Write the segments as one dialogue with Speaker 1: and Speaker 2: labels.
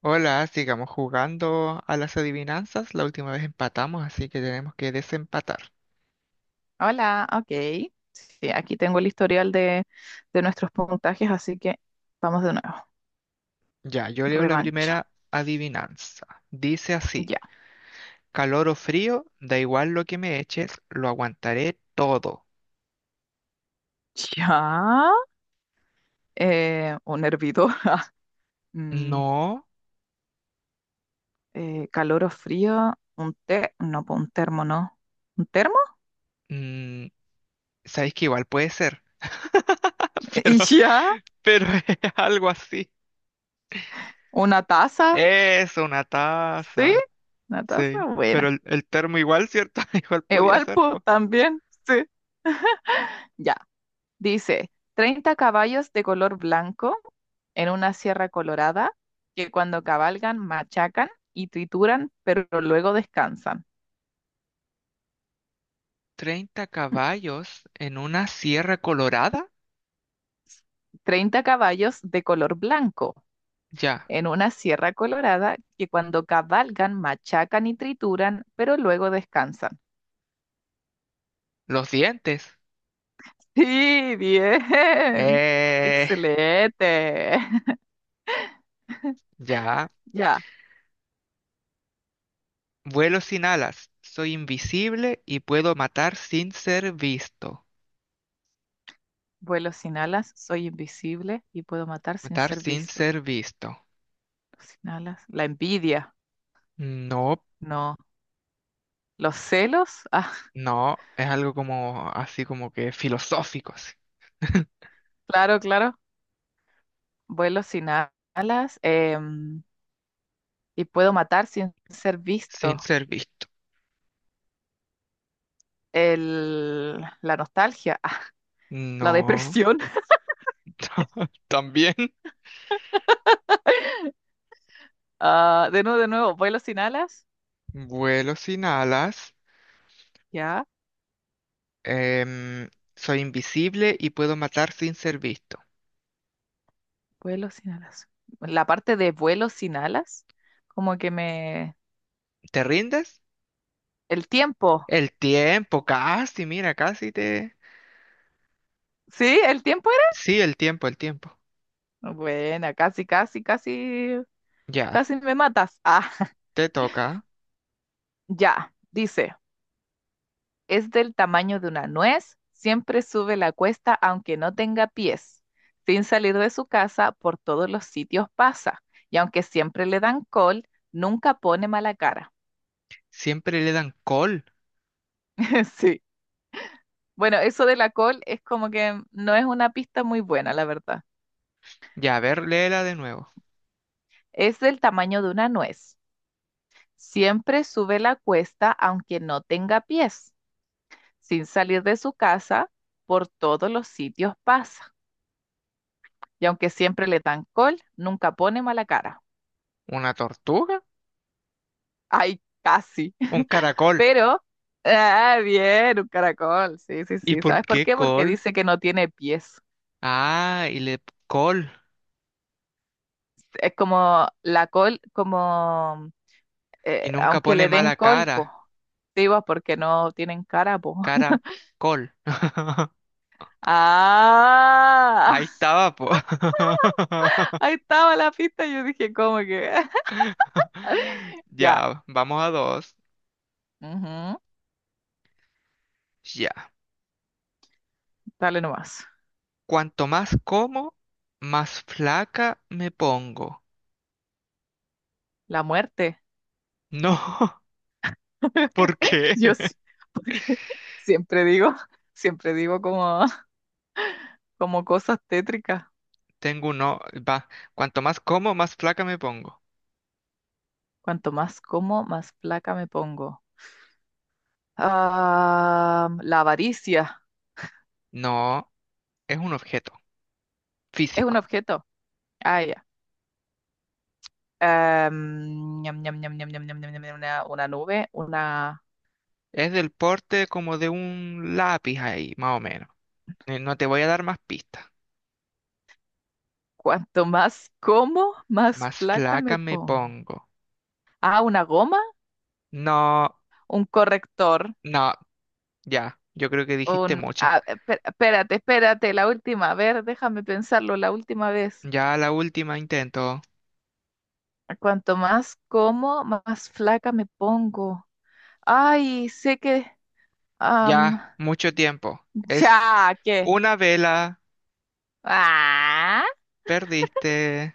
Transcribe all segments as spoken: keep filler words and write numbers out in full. Speaker 1: Hola, sigamos jugando a las adivinanzas. La última vez empatamos, así que tenemos que desempatar.
Speaker 2: Hola, ok. Sí, aquí tengo el historial de, de nuestros puntajes, así que vamos de nuevo.
Speaker 1: Ya, yo leo la
Speaker 2: Revancha.
Speaker 1: primera adivinanza. Dice así,
Speaker 2: Ya.
Speaker 1: calor o frío, da igual lo que me eches, lo aguantaré todo.
Speaker 2: Ya. Eh, un hervidor. Mm,
Speaker 1: No,
Speaker 2: eh, Calor o frío. Un té. No, pues un termo, no. ¿Un termo?
Speaker 1: mm, sabéis que igual puede ser,
Speaker 2: Y
Speaker 1: pero,
Speaker 2: ya.
Speaker 1: pero es algo así.
Speaker 2: Una taza.
Speaker 1: Es una
Speaker 2: Sí.
Speaker 1: taza.
Speaker 2: Una taza.
Speaker 1: Sí, pero
Speaker 2: Buena.
Speaker 1: el, el termo igual, ¿cierto? Igual podía
Speaker 2: Igual,
Speaker 1: ser,
Speaker 2: pues
Speaker 1: pues.
Speaker 2: también. Sí. Ya. Dice, treinta caballos de color blanco en una sierra colorada que cuando cabalgan machacan y trituran, pero luego descansan.
Speaker 1: treinta caballos en una sierra colorada.
Speaker 2: Treinta caballos de color blanco
Speaker 1: Ya.
Speaker 2: en una sierra colorada que cuando cabalgan machacan y trituran, pero luego descansan.
Speaker 1: Los dientes.
Speaker 2: Sí, bien.
Speaker 1: Eh,
Speaker 2: Excelente.
Speaker 1: ya.
Speaker 2: Ya,
Speaker 1: Vuelo sin alas. Soy invisible y puedo matar sin ser visto.
Speaker 2: vuelo sin alas, soy invisible y puedo matar sin
Speaker 1: Matar
Speaker 2: ser
Speaker 1: sin
Speaker 2: visto.
Speaker 1: ser visto.
Speaker 2: Sin alas, la envidia.
Speaker 1: No,
Speaker 2: No. Los celos, ah,
Speaker 1: no. Es algo como así como que filosófico. Así.
Speaker 2: claro, claro. Vuelo sin alas em, y puedo matar sin ser
Speaker 1: Sin
Speaker 2: visto.
Speaker 1: ser visto.
Speaker 2: El, la nostalgia, ah, la
Speaker 1: No.
Speaker 2: depresión.
Speaker 1: También.
Speaker 2: Ah, de nuevo, de nuevo, vuelo sin alas.
Speaker 1: Vuelo sin alas.
Speaker 2: Ya,
Speaker 1: em, soy invisible y puedo matar sin ser visto.
Speaker 2: vuelo sin alas. La parte de vuelo sin alas, como que me...
Speaker 1: ¿Te rindes?
Speaker 2: El tiempo.
Speaker 1: El tiempo, casi, mira, casi te...
Speaker 2: ¿Sí? ¿El tiempo
Speaker 1: Sí, el tiempo, el tiempo.
Speaker 2: era? Buena, casi, casi, casi,
Speaker 1: Ya,
Speaker 2: casi me matas. Ah,
Speaker 1: te toca.
Speaker 2: ya, dice. Es del tamaño de una nuez, siempre sube la cuesta aunque no tenga pies. Sin salir de su casa, por todos los sitios pasa. Y aunque siempre le dan col, nunca pone mala cara.
Speaker 1: Siempre le dan col.
Speaker 2: Sí. Bueno, eso de la col es como que no es una pista muy buena, la verdad.
Speaker 1: Ya, a ver, léela de nuevo.
Speaker 2: Es del tamaño de una nuez. Siempre sube la cuesta aunque no tenga pies. Sin salir de su casa, por todos los sitios pasa. Y aunque siempre le dan col, nunca pone mala cara.
Speaker 1: ¿Una tortuga?
Speaker 2: Ay, casi.
Speaker 1: Un caracol.
Speaker 2: Pero, ah, bien, un caracol. Sí, sí,
Speaker 1: ¿Y
Speaker 2: sí.
Speaker 1: por
Speaker 2: ¿Sabes por
Speaker 1: qué
Speaker 2: qué? Porque
Speaker 1: col?
Speaker 2: dice que no tiene pies.
Speaker 1: Ah, y le col.
Speaker 2: Es como la col, como, eh,
Speaker 1: Y nunca
Speaker 2: aunque
Speaker 1: pone
Speaker 2: le den
Speaker 1: mala
Speaker 2: colpo.
Speaker 1: cara.
Speaker 2: Sí, porque no tienen cara, po.
Speaker 1: Cara, col. Ahí
Speaker 2: Ah,
Speaker 1: estaba, po.
Speaker 2: ahí estaba la pista. Yo dije, ¿cómo que? Ya.
Speaker 1: Ya, vamos a dos.
Speaker 2: Ujú,
Speaker 1: Ya.
Speaker 2: Dale nomás.
Speaker 1: Cuanto más como, más flaca me pongo.
Speaker 2: La muerte.
Speaker 1: No, ¿por qué?
Speaker 2: Yo sí, porque siempre digo, siempre digo como, como cosas tétricas.
Speaker 1: Tengo uno, va, cuanto más como, más flaca me pongo.
Speaker 2: Cuanto más como, más placa me pongo. Ah, la avaricia
Speaker 1: No, es un objeto
Speaker 2: es un
Speaker 1: físico.
Speaker 2: objeto. Ah, ya. Em, ñam, ñam, ñam, ñam, ñam, ñam, ñam, ñam, ñam, una, una nube, una...
Speaker 1: Es del porte como de un lápiz ahí, más o menos. Eh, No te voy a dar más pistas.
Speaker 2: Cuanto más como, más
Speaker 1: Más
Speaker 2: placa me
Speaker 1: flaca me
Speaker 2: pongo.
Speaker 1: pongo.
Speaker 2: Ah, una goma,
Speaker 1: No,
Speaker 2: un corrector,
Speaker 1: no, ya, yo creo que dijiste
Speaker 2: un...
Speaker 1: muchas.
Speaker 2: ah, espe- espérate, espérate, la última. A ver, déjame pensarlo la última vez.
Speaker 1: Ya la última intento.
Speaker 2: Cuanto más como, más flaca me pongo. Ay, sé que... am,
Speaker 1: Ya, mucho tiempo. Es
Speaker 2: ya, ¿qué?
Speaker 1: una vela.
Speaker 2: Ah,
Speaker 1: Perdiste.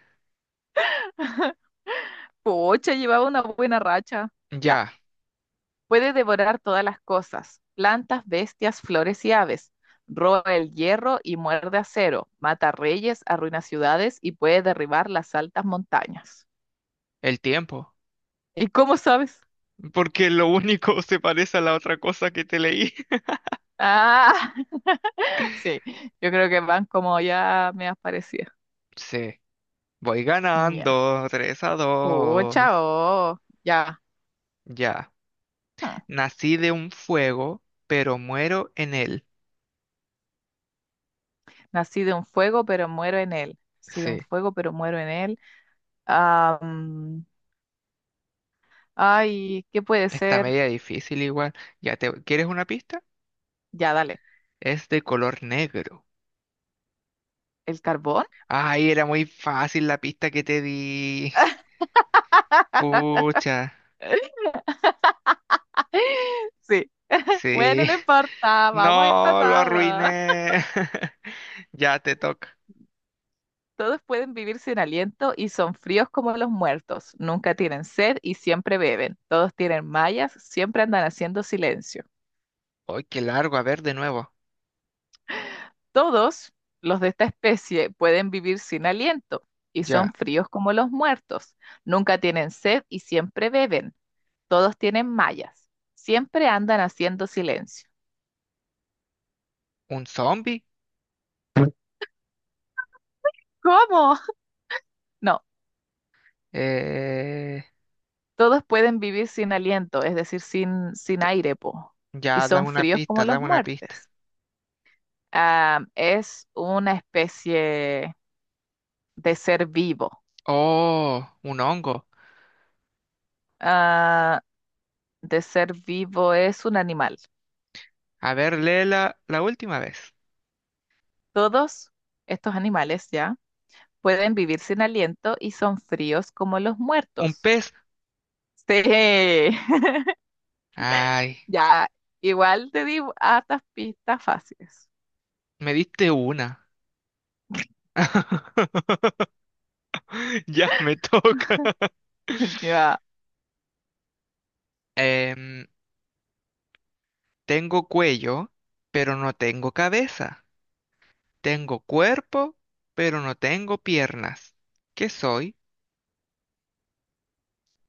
Speaker 2: pucha, llevaba una buena racha. Ya,
Speaker 1: Ya,
Speaker 2: puede devorar todas las cosas, plantas, bestias, flores y aves. Roba el hierro y muerde acero, mata reyes, arruina ciudades y puede derribar las altas montañas.
Speaker 1: el tiempo.
Speaker 2: ¿Y cómo sabes?
Speaker 1: Porque lo único se parece a la otra cosa que te leí.
Speaker 2: Ah, sí, yo creo que van como ya me aparecía.
Speaker 1: Sí. Voy
Speaker 2: Ya.
Speaker 1: ganando, tres a dos.
Speaker 2: Pucha, oh, ya.
Speaker 1: Ya.
Speaker 2: Hmm.
Speaker 1: Nací de un fuego, pero muero en él.
Speaker 2: Nací de un fuego, pero muero en él. Nací de un
Speaker 1: Sí,
Speaker 2: fuego, pero muero en él. Ah, ay, ¿qué puede
Speaker 1: está
Speaker 2: ser?
Speaker 1: media difícil igual. Ya te, ¿quieres una pista?
Speaker 2: Ya, dale.
Speaker 1: Es de color negro.
Speaker 2: ¿El carbón?
Speaker 1: Ay, era muy fácil la pista que te di. Pucha.
Speaker 2: Sí. Bueno,
Speaker 1: Sí.
Speaker 2: no importa, vamos
Speaker 1: No, lo
Speaker 2: empatados.
Speaker 1: arruiné. Ya te toca.
Speaker 2: Todos pueden vivir sin aliento y son fríos como los muertos. Nunca tienen sed y siempre beben. Todos tienen mallas, siempre andan haciendo silencio.
Speaker 1: Ay, qué largo. A ver, de nuevo.
Speaker 2: Todos los de esta especie pueden vivir sin aliento y
Speaker 1: Ya.
Speaker 2: son fríos como los muertos. Nunca tienen sed y siempre beben. Todos tienen mallas. Siempre andan haciendo silencio.
Speaker 1: ¿Un zombie?
Speaker 2: ¿Cómo? No.
Speaker 1: Eh,
Speaker 2: todos pueden vivir sin aliento, es decir, sin, sin aire, po, y
Speaker 1: ya,
Speaker 2: son
Speaker 1: dame una
Speaker 2: fríos como
Speaker 1: pista,
Speaker 2: los
Speaker 1: dame una pista.
Speaker 2: muertes. Ah, es una especie de ser vivo.
Speaker 1: Oh, un hongo.
Speaker 2: Ah, de ser vivo es un animal.
Speaker 1: A ver, léela la última vez.
Speaker 2: Todos estos animales ya pueden vivir sin aliento y son fríos como los
Speaker 1: Un
Speaker 2: muertos.
Speaker 1: pez.
Speaker 2: Sí,
Speaker 1: Ay,
Speaker 2: ya, igual te di hartas pistas fáciles.
Speaker 1: me diste una. Ya me toca.
Speaker 2: Ya,
Speaker 1: Em, tengo cuello, pero no tengo cabeza. Tengo cuerpo, pero no tengo piernas. ¿Qué soy?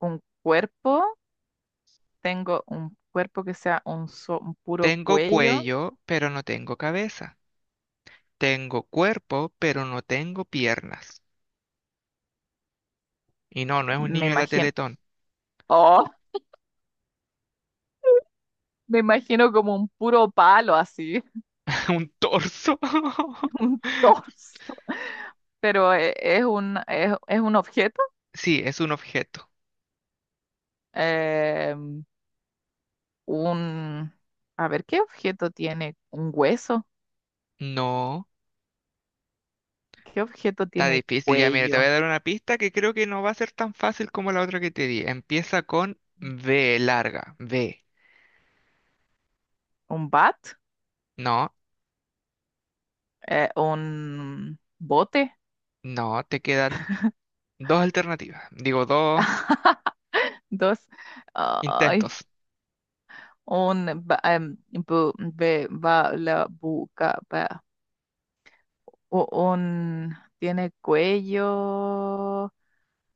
Speaker 2: un cuerpo tengo un cuerpo que sea un, so- un puro
Speaker 1: Tengo
Speaker 2: cuello,
Speaker 1: cuello, pero no tengo cabeza. Tengo cuerpo, pero no tengo piernas. Y no, no es un
Speaker 2: me
Speaker 1: niño de la
Speaker 2: imagino,
Speaker 1: Teletón.
Speaker 2: oh, me imagino como un puro palo así,
Speaker 1: Un torso.
Speaker 2: un torso, pero eh, es un, es, es un objeto,
Speaker 1: Sí, es un objeto.
Speaker 2: eh, un, a ver, ¿qué objeto tiene un hueso?
Speaker 1: No,
Speaker 2: ¿Qué objeto
Speaker 1: está
Speaker 2: tiene
Speaker 1: difícil. Ya, mira, te voy a
Speaker 2: cuello?
Speaker 1: dar una pista que creo que no va a ser tan fácil como la otra que te di. Empieza con B, larga. B.
Speaker 2: ¿Un bat?
Speaker 1: No,
Speaker 2: Eh, ¿un bote?
Speaker 1: no, te quedan dos alternativas. Digo, dos
Speaker 2: Dos. Ay,
Speaker 1: intentos.
Speaker 2: un ba- em, bu- be- ba- la buca, u- un, tiene cuello,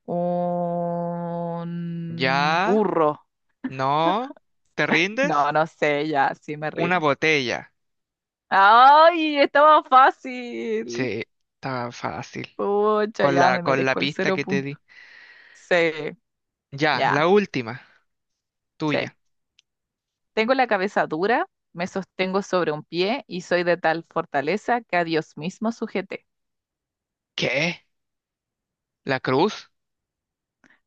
Speaker 2: un
Speaker 1: Ya,
Speaker 2: burro.
Speaker 1: no, ¿te rindes?
Speaker 2: No, no sé, ya, sí me
Speaker 1: Una
Speaker 2: rindo.
Speaker 1: botella.
Speaker 2: ¡Ay! Estaba fácil.
Speaker 1: Sí, está fácil.
Speaker 2: Pucha,
Speaker 1: Con
Speaker 2: ya
Speaker 1: la,
Speaker 2: me
Speaker 1: con la
Speaker 2: merezco el
Speaker 1: pista
Speaker 2: cero
Speaker 1: que te
Speaker 2: punto.
Speaker 1: di.
Speaker 2: Sí,
Speaker 1: Ya,
Speaker 2: ya,
Speaker 1: la última,
Speaker 2: sí.
Speaker 1: tuya.
Speaker 2: Tengo la cabeza dura, me sostengo sobre un pie y soy de tal fortaleza que a Dios mismo sujeté.
Speaker 1: ¿Qué? ¿La cruz?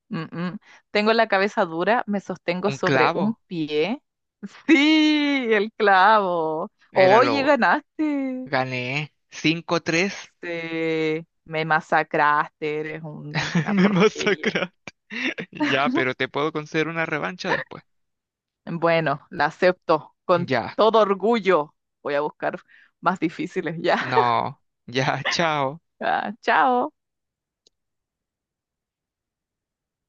Speaker 2: Mm, mm. Tengo la cabeza dura, me sostengo
Speaker 1: ¿Un
Speaker 2: sobre un
Speaker 1: clavo?
Speaker 2: pie. Sí, el clavo.
Speaker 1: Era
Speaker 2: Oye,
Speaker 1: lo.
Speaker 2: ganaste.
Speaker 1: Gané cinco tres.
Speaker 2: Sí, me masacraste, eres una
Speaker 1: Me
Speaker 2: porquería.
Speaker 1: masacraste. Ya, pero te puedo conceder una revancha después.
Speaker 2: Bueno, la acepto con
Speaker 1: Ya,
Speaker 2: todo orgullo. Voy a buscar más difíciles ya.
Speaker 1: no, ya, chao.
Speaker 2: Ah, chao.